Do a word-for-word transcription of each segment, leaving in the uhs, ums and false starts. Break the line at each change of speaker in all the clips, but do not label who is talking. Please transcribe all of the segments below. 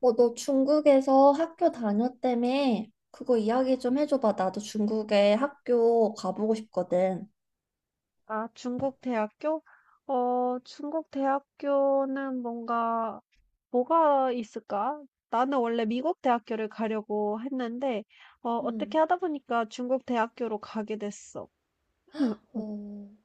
어, 너 중국에서 학교 다녔다며? 그거 이야기 좀 해줘봐. 나도 중국에 학교 가보고 싶거든.
아, 중국 대학교? 어, 중국 대학교는 뭔가, 뭐가 있을까? 나는 원래 미국 대학교를 가려고 했는데, 어, 어떻게
음.
하다 보니까 중국 대학교로 가게 됐어. 음, 음.
어,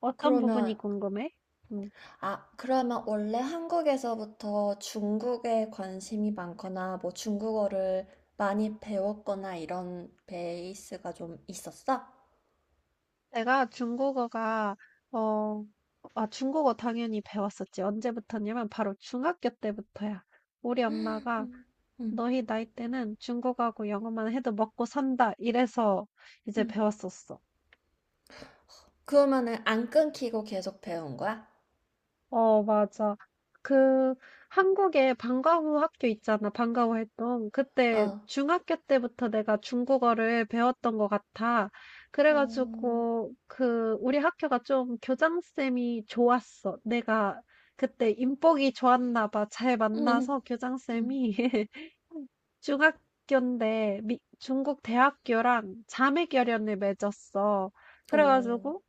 어떤 부분이
그러면,
궁금해? 음,
아, 그러면 원래 한국에서부터 중국에 관심이 많거나, 뭐 중국어를 많이 배웠거나 이런 베이스가 좀 있었어?
내가 중국어가, 어, 아, 중국어 당연히 배웠었지. 언제부터냐면 바로 중학교 때부터야. 우리 엄마가
음, 음,
너희 나이 때는 중국하고 영어만 해도 먹고 산다. 이래서 이제
음.
배웠었어.
그러면은 안 끊기고 계속 배운 거야?
어, 맞아. 그 한국에 방과후 학교 있잖아. 방과후 했던 그때
어,
중학교 때부터 내가 중국어를 배웠던 것 같아.
어,
그래가지고 그 우리 학교가 좀 교장쌤이 좋았어. 내가 그때 인복이 좋았나 봐. 잘
음,
만나서
음.
교장쌤이 중학교인데 미- 중국 대학교랑 자매결연을 맺었어.
오.
그래가지고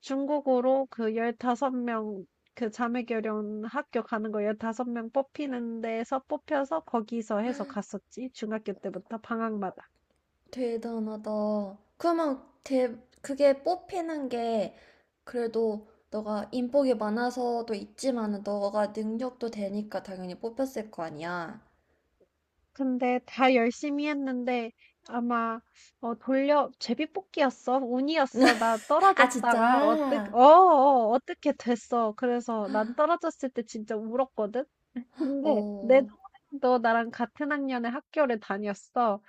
중국으로 그 십오 명 그 자매결연 학교 가는 거 십오 명 뽑히는 데서 뽑혀서 거기서 해서 갔었지. 중학교 때부터 방학마다.
대단하다. 그러면 대, 그게 뽑히는 게 그래도 너가 인복이 많아서도 있지만은 너가 능력도 되니까 당연히 뽑혔을 거 아니야.
근데 다 열심히 했는데 아마 어 돌려 제비뽑기였어. 운이었어. 나
아,
떨어졌다가 어떻게
진짜?
어 어, 어, 어떻게 됐어. 그래서 난 떨어졌을 때 진짜 울었거든. 근데 내
어,
동생도 나랑 같은 학년에 학교를 다녔어.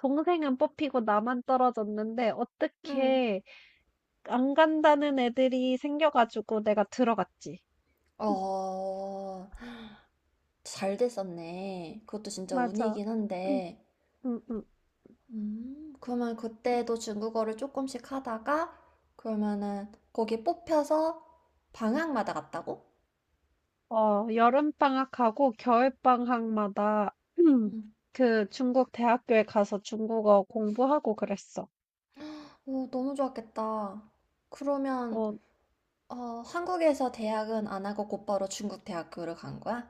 동생은 뽑히고 나만 떨어졌는데
응.
어떻게 안 간다는 애들이 생겨가지고 내가 들어갔지.
어, 잘 됐었네. 그것도 진짜
맞아.
운이긴
응,
한데.
응, 응.
음, 그러면 그때도 중국어를 조금씩 하다가 그러면은 거기 뽑혀서 방학마다 갔다고?
어, 여름방학하고 겨울방학마다
음.
그 중국 대학교에 가서 중국어 공부하고 그랬어.
오, 너무 좋았겠다. 그러면
어,
어, 한국에서 대학은 안 하고 곧바로 중국 대학교를 간 거야?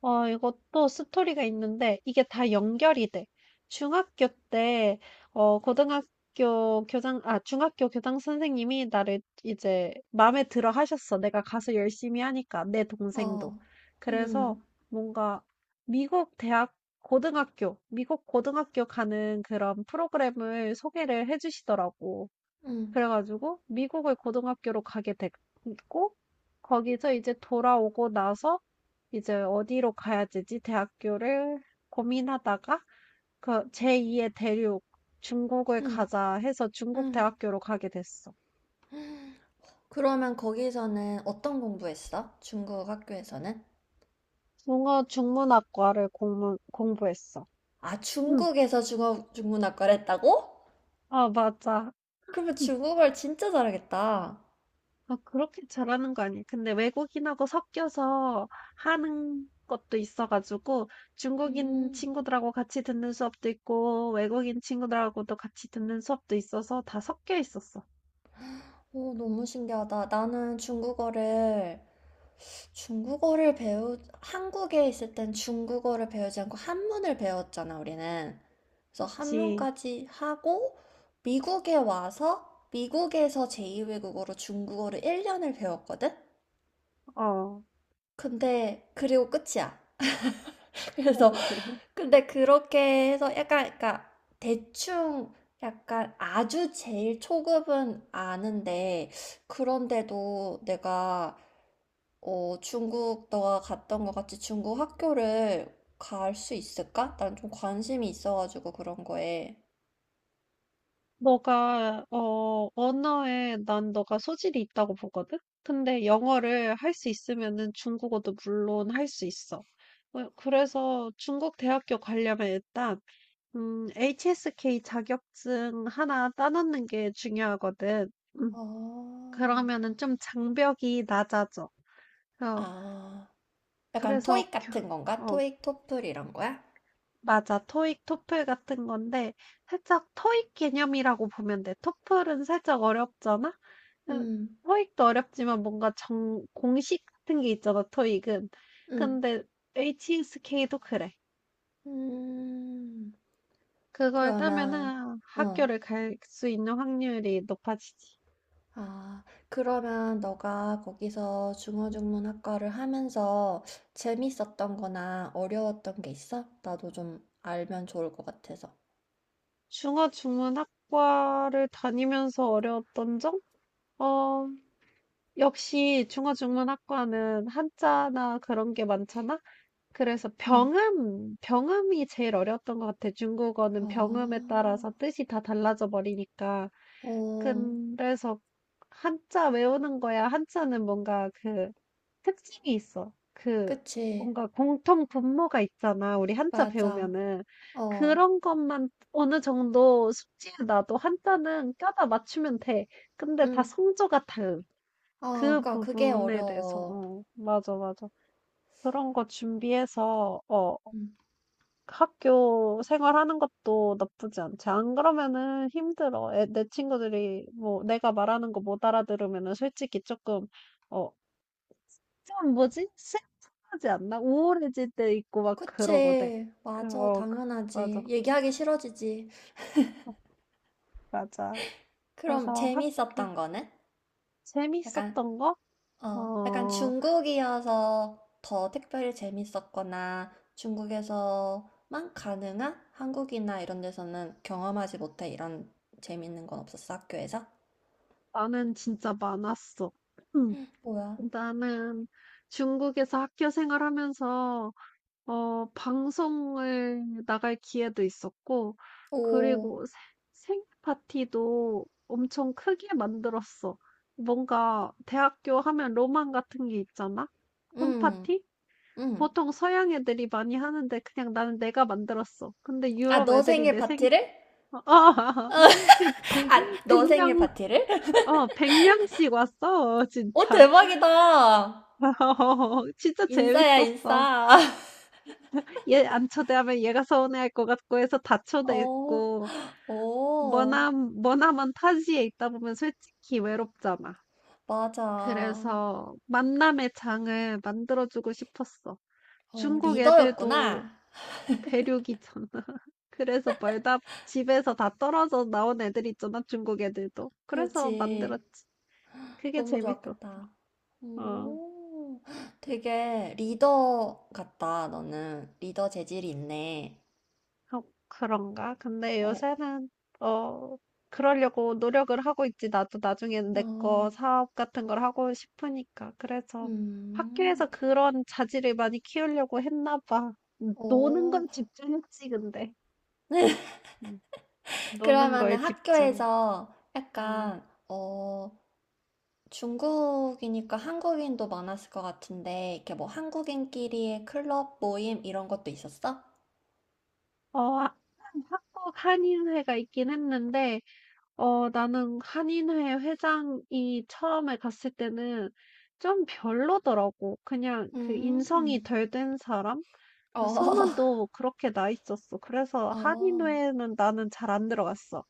어 이것도 스토리가 있는데 이게 다 연결이 돼. 중학교 때 어 고등학교 교장 아 중학교 교장 선생님이 나를 이제 마음에 들어 하셨어. 내가 가서 열심히 하니까 내 동생도.
어,
그래서
음,
뭔가 미국 대학 고등학교 미국 고등학교 가는 그런 프로그램을 소개를 해주시더라고.
음,
그래 가지고 미국의 고등학교로 가게 됐고 거기서 이제 돌아오고 나서 이제 어디로 가야 되지 대학교를 고민하다가 그 제이의 대륙 중국을
음,
가자 해서 중국
음.
대학교로 가게 됐어.
그러면 거기서는 어떤 공부했어? 중국 학교에서는?
중어 중문학과를 공부, 공부했어.
아,
응.
중국에서 중국 중문학과를 했다고?
아, 맞아.
그러면 중국어를 진짜 잘하겠다.
아 그렇게 잘하는 거 아니에요. 근데 외국인하고 섞여서 하는 것도 있어 가지고 중국인
음,
친구들하고 같이 듣는 수업도 있고 외국인 친구들하고도 같이 듣는 수업도 있어서 다 섞여 있었어.
오, 너무 신기하다. 나는 중국어를 중국어를 배우, 한국에 있을 땐 중국어를 배우지 않고 한문을 배웠잖아, 우리는. 그래서
그치.
한문까지 하고, 미국에 와서, 미국에서 제이 외국어로 중국어를 일 년을 배웠거든?
어.
근데, 그리고 끝이야. 그래서, 근데 그렇게 해서 약간, 그러니까, 대충, 약간 아주 제일 초급은 아는데, 그런데도 내가 어, 중국 너가 갔던 것 같이 중국 학교를 갈 수 있을까? 난 좀 관심이 있어가지고 그런 거에.
너가 어 언어에 난 너가 소질이 있다고 보거든. 근데 영어를 할 수 있으면은 중국어도 물론 할 수 있어. 어, 그래서 중국 대학교 가려면 일단 음, 에이치에스케이 자격증 하나 따놓는 게 중요하거든. 음,
어,
그러면은 좀 장벽이 낮아져. 어,
아, 약간
그래서,
토익
교-
같은 건가?
어,
토익, 토플 이런 거야?
맞아. 토익, 토플 같은 건데, 살짝 토익 개념이라고 보면 돼. 토플은 살짝 어렵잖아? 그,
음,
토익도 어렵지만 뭔가 정, 공식 같은 게 있잖아, 토익은.
음,
근데 에이치에스케이도 그래.
음.
그걸
그러면,
따면은
어,
학교를 갈 수 있는 확률이 높아지지.
아, 그러면 너가 거기서 중어중문학과를 하면서 재밌었던 거나 어려웠던 게 있어? 나도 좀 알면 좋을 것 같아서.
중어중문학과를 다니면서 어려웠던 점? 어, 역시 중어중문학과는 한자나 그런 게 많잖아? 그래서
응.
병음, 병음이 제일 어려웠던 것 같아. 중국어는
아.
병음에 따라서 뜻이 다 달라져 버리니까.
어,
그래서 한자 외우는 거야. 한자는 뭔가 그 특징이 있어. 그
그치.
뭔가 공통 분모가 있잖아. 우리 한자
맞아.
배우면은
어,
그런 것만 어느 정도 숙지에 놔도 한자는 껴다 맞추면 돼. 근데 다
응.
성조가 다음.
아,
그
그니까 그게
부분에 대해서
어려워.
어 맞아 맞아. 그런 거 준비해서 어
응.
학교 생활하는 것도 나쁘지 않지. 안 그러면은 힘들어. 애, 내 친구들이 뭐 내가 말하는 거 못 알아들으면은 솔직히 조금 어 좀 뭐지? 슬프하지 않나? 우울해질 때 있고 막 그러거든.
그치. 맞아.
그거 그- 맞아.
당연하지. 얘기하기 싫어지지.
어, 맞아.
그럼
그래서 학교
재밌었던 거는? 약간,
재밌었던 거?
어, 약간
어,
중국이어서 더 특별히 재밌었거나 중국에서만 가능한 한국이나 이런 데서는 경험하지 못해. 이런 재밌는 건 없었어, 학교에서?
나는 진짜 많았어. 음,
뭐야?
나는 중국에서 학교 생활하면서 어 방송을 나갈 기회도 있었고
오,
그리고 생 생일 파티도 엄청 크게 만들었어. 뭔가 대학교 하면 로망 같은 게 있잖아?
응,
홈파티?
응.
보통 서양 애들이 많이 하는데 그냥 나는 내가 만들었어. 근데
아,
유럽
너
애들이
생일
내 생일
파티를?
아 그
아,
백
너 생일
명
파티를?
어 백 명씩 왔어.
오,
진짜.
대박이다.
진짜
인싸야,
재밌었어.
인싸.
얘 안 초대하면 얘가 서운해할 것 같고 해서 다
오,
초대했고
오,
머남 머나먼 타지에 있다 보면 솔직히 외롭잖아.
맞아.
그래서 만남의 장을 만들어주고 싶었어.
어,
중국 애들도
리더였구나.
대륙이잖아. 그래서 멀다 집에서 다 떨어져 나온 애들 있잖아. 중국 애들도. 그래서
그지.
만들었지. 그게
너무
재밌어.
좋았겠다.
어.
오, 되게 리더 같다, 너는. 리더 재질이 있네.
어 그런가? 근데
어,
요새는 어 그러려고 노력을 하고 있지. 나도 나중에는 내 거
어,
사업 같은 걸 하고 싶으니까. 그래서 학교에서
음,
그런 자질을 많이 키우려고 했나 봐. 음, 노는
오.
걸 집중했지, 근데. 음, 노는
그러면은
걸 집중.
학교에서
음.
약간, 어, 중국이니까 한국인도 많았을 것 같은데, 이렇게 뭐 한국인끼리의 클럽 모임 이런 것도 있었어?
어, 하- 한국 한인회가 있긴 했는데 어 나는 한인회 회장이 처음에 갔을 때는 좀 별로더라고. 그냥 그 인성이
음,
덜 된 사람? 그
어,
소문도 그렇게 나 있었어. 그래서
어,
한인회는 나는 잘 안 들어갔어.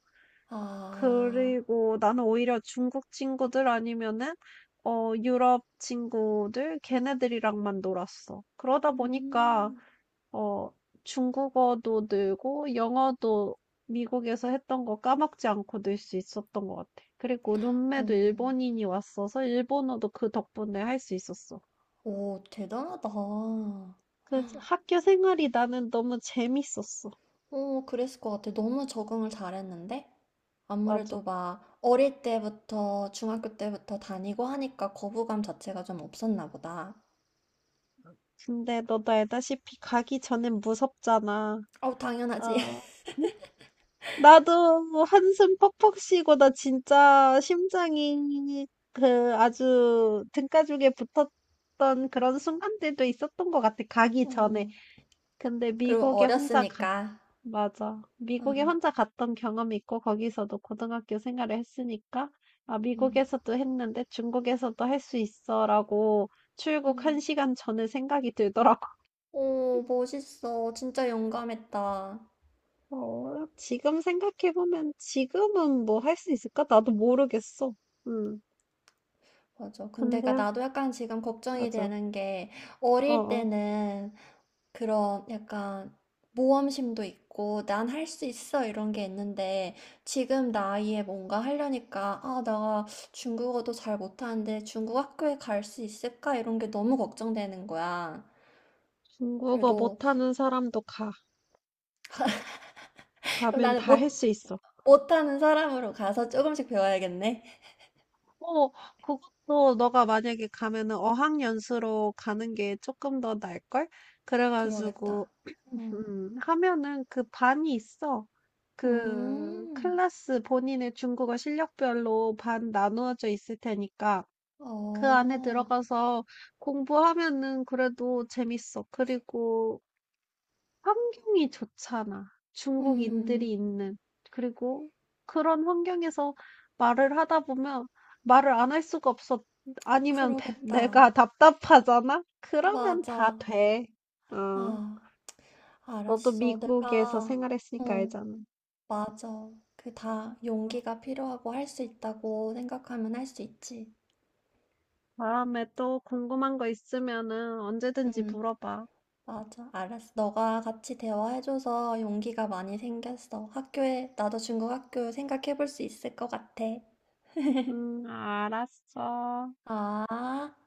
아,
그리고 나는 오히려 중국 친구들 아니면은 어 유럽 친구들 걔네들이랑만 놀았어. 그러다 보니까
음,
어, 중국어도 늘고 영어도 미국에서 했던 거 까먹지 않고 늘 수 있었던 것 같아. 그리고 룸메도
오,
일본인이 왔어서 일본어도 그 덕분에 할 수 있었어.
오, 대단하다.
그 학교 생활이 나는 너무 재밌었어.
오, 그랬을 것 같아. 너무 적응을 잘했는데?
맞아.
아무래도 막 어릴 때부터, 중학교 때부터 다니고 하니까 거부감 자체가 좀 없었나 보다.
근데 너도 알다시피 가기 전엔 무섭잖아.
어, 당연하지.
아, 나도 뭐 한숨 퍽퍽 쉬고 나 진짜 심장이 그 아주 등가죽에 붙었던 그런 순간들도 있었던 것 같아. 가기 전에.
어,
근데
그리고
미국에 혼자 가.
어렸으니까.
맞아.
어,
미국에 혼자 갔던 경험이 있고 거기서도 고등학교 생활을 했으니까 아,
음.
미국에서도 했는데 중국에서도 할 수 있어라고 출국 한
음.
시간 전에 생각이 들더라고.
오, 멋있어. 진짜 용감했다.
어, 지금 생각해보면 지금은 뭐 할 수 있을까? 나도 모르겠어. 음.
맞아. 근데 그
근데요?
나도 약간 지금 걱정이
맞아.
되는 게 어릴
어어.
때는 그런 약간 모험심도 있고 난 할 수 있어 이런 게 있는데 지금 나이에 뭔가 하려니까 아, 나 중국어도 잘 못하는데 중국 학교에 갈 수 있을까 이런 게 너무 걱정되는 거야.
중국어
그래도
못하는 사람도 가.
그럼
가면
나는
다 할
못
수 있어.
못하는 사람으로 가서 조금씩 배워야겠네.
어, 그것도 너가 만약에 가면은 어학연수로 가는 게 조금 더 나을걸? 그래가지고,
그러겠다. 음.
음, 하면은 그 반이 있어. 그
음.
클래스 본인의 중국어 실력별로 반 나누어져 있을 테니까 그 안에
어,
들어가서 공부하면은 그래도 재밌어. 그리고 환경이 좋잖아. 중국인들이
음,
있는. 그리고 그런 환경에서 말을 하다 보면 말을 안 할 수가 없어. 아니면 배-
그러겠다.
내가 답답하잖아? 그러면
맞아.
다 돼. 어,
아,
너도
알았어.
미국에서
내가,
생활했으니까
어,
알잖아.
맞아. 그 다 용기가 필요하고 할 수 있다고 생각하면 할 수 있지.
다음에 또 궁금한 거 있으면은 언제든지
응
물어봐.
맞아. 알았어. 너가 같이 대화해줘서 용기가 많이 생겼어. 학교에, 나도 중국 학교 생각해볼 수 있을 것 같아.
응, 알았어.
아.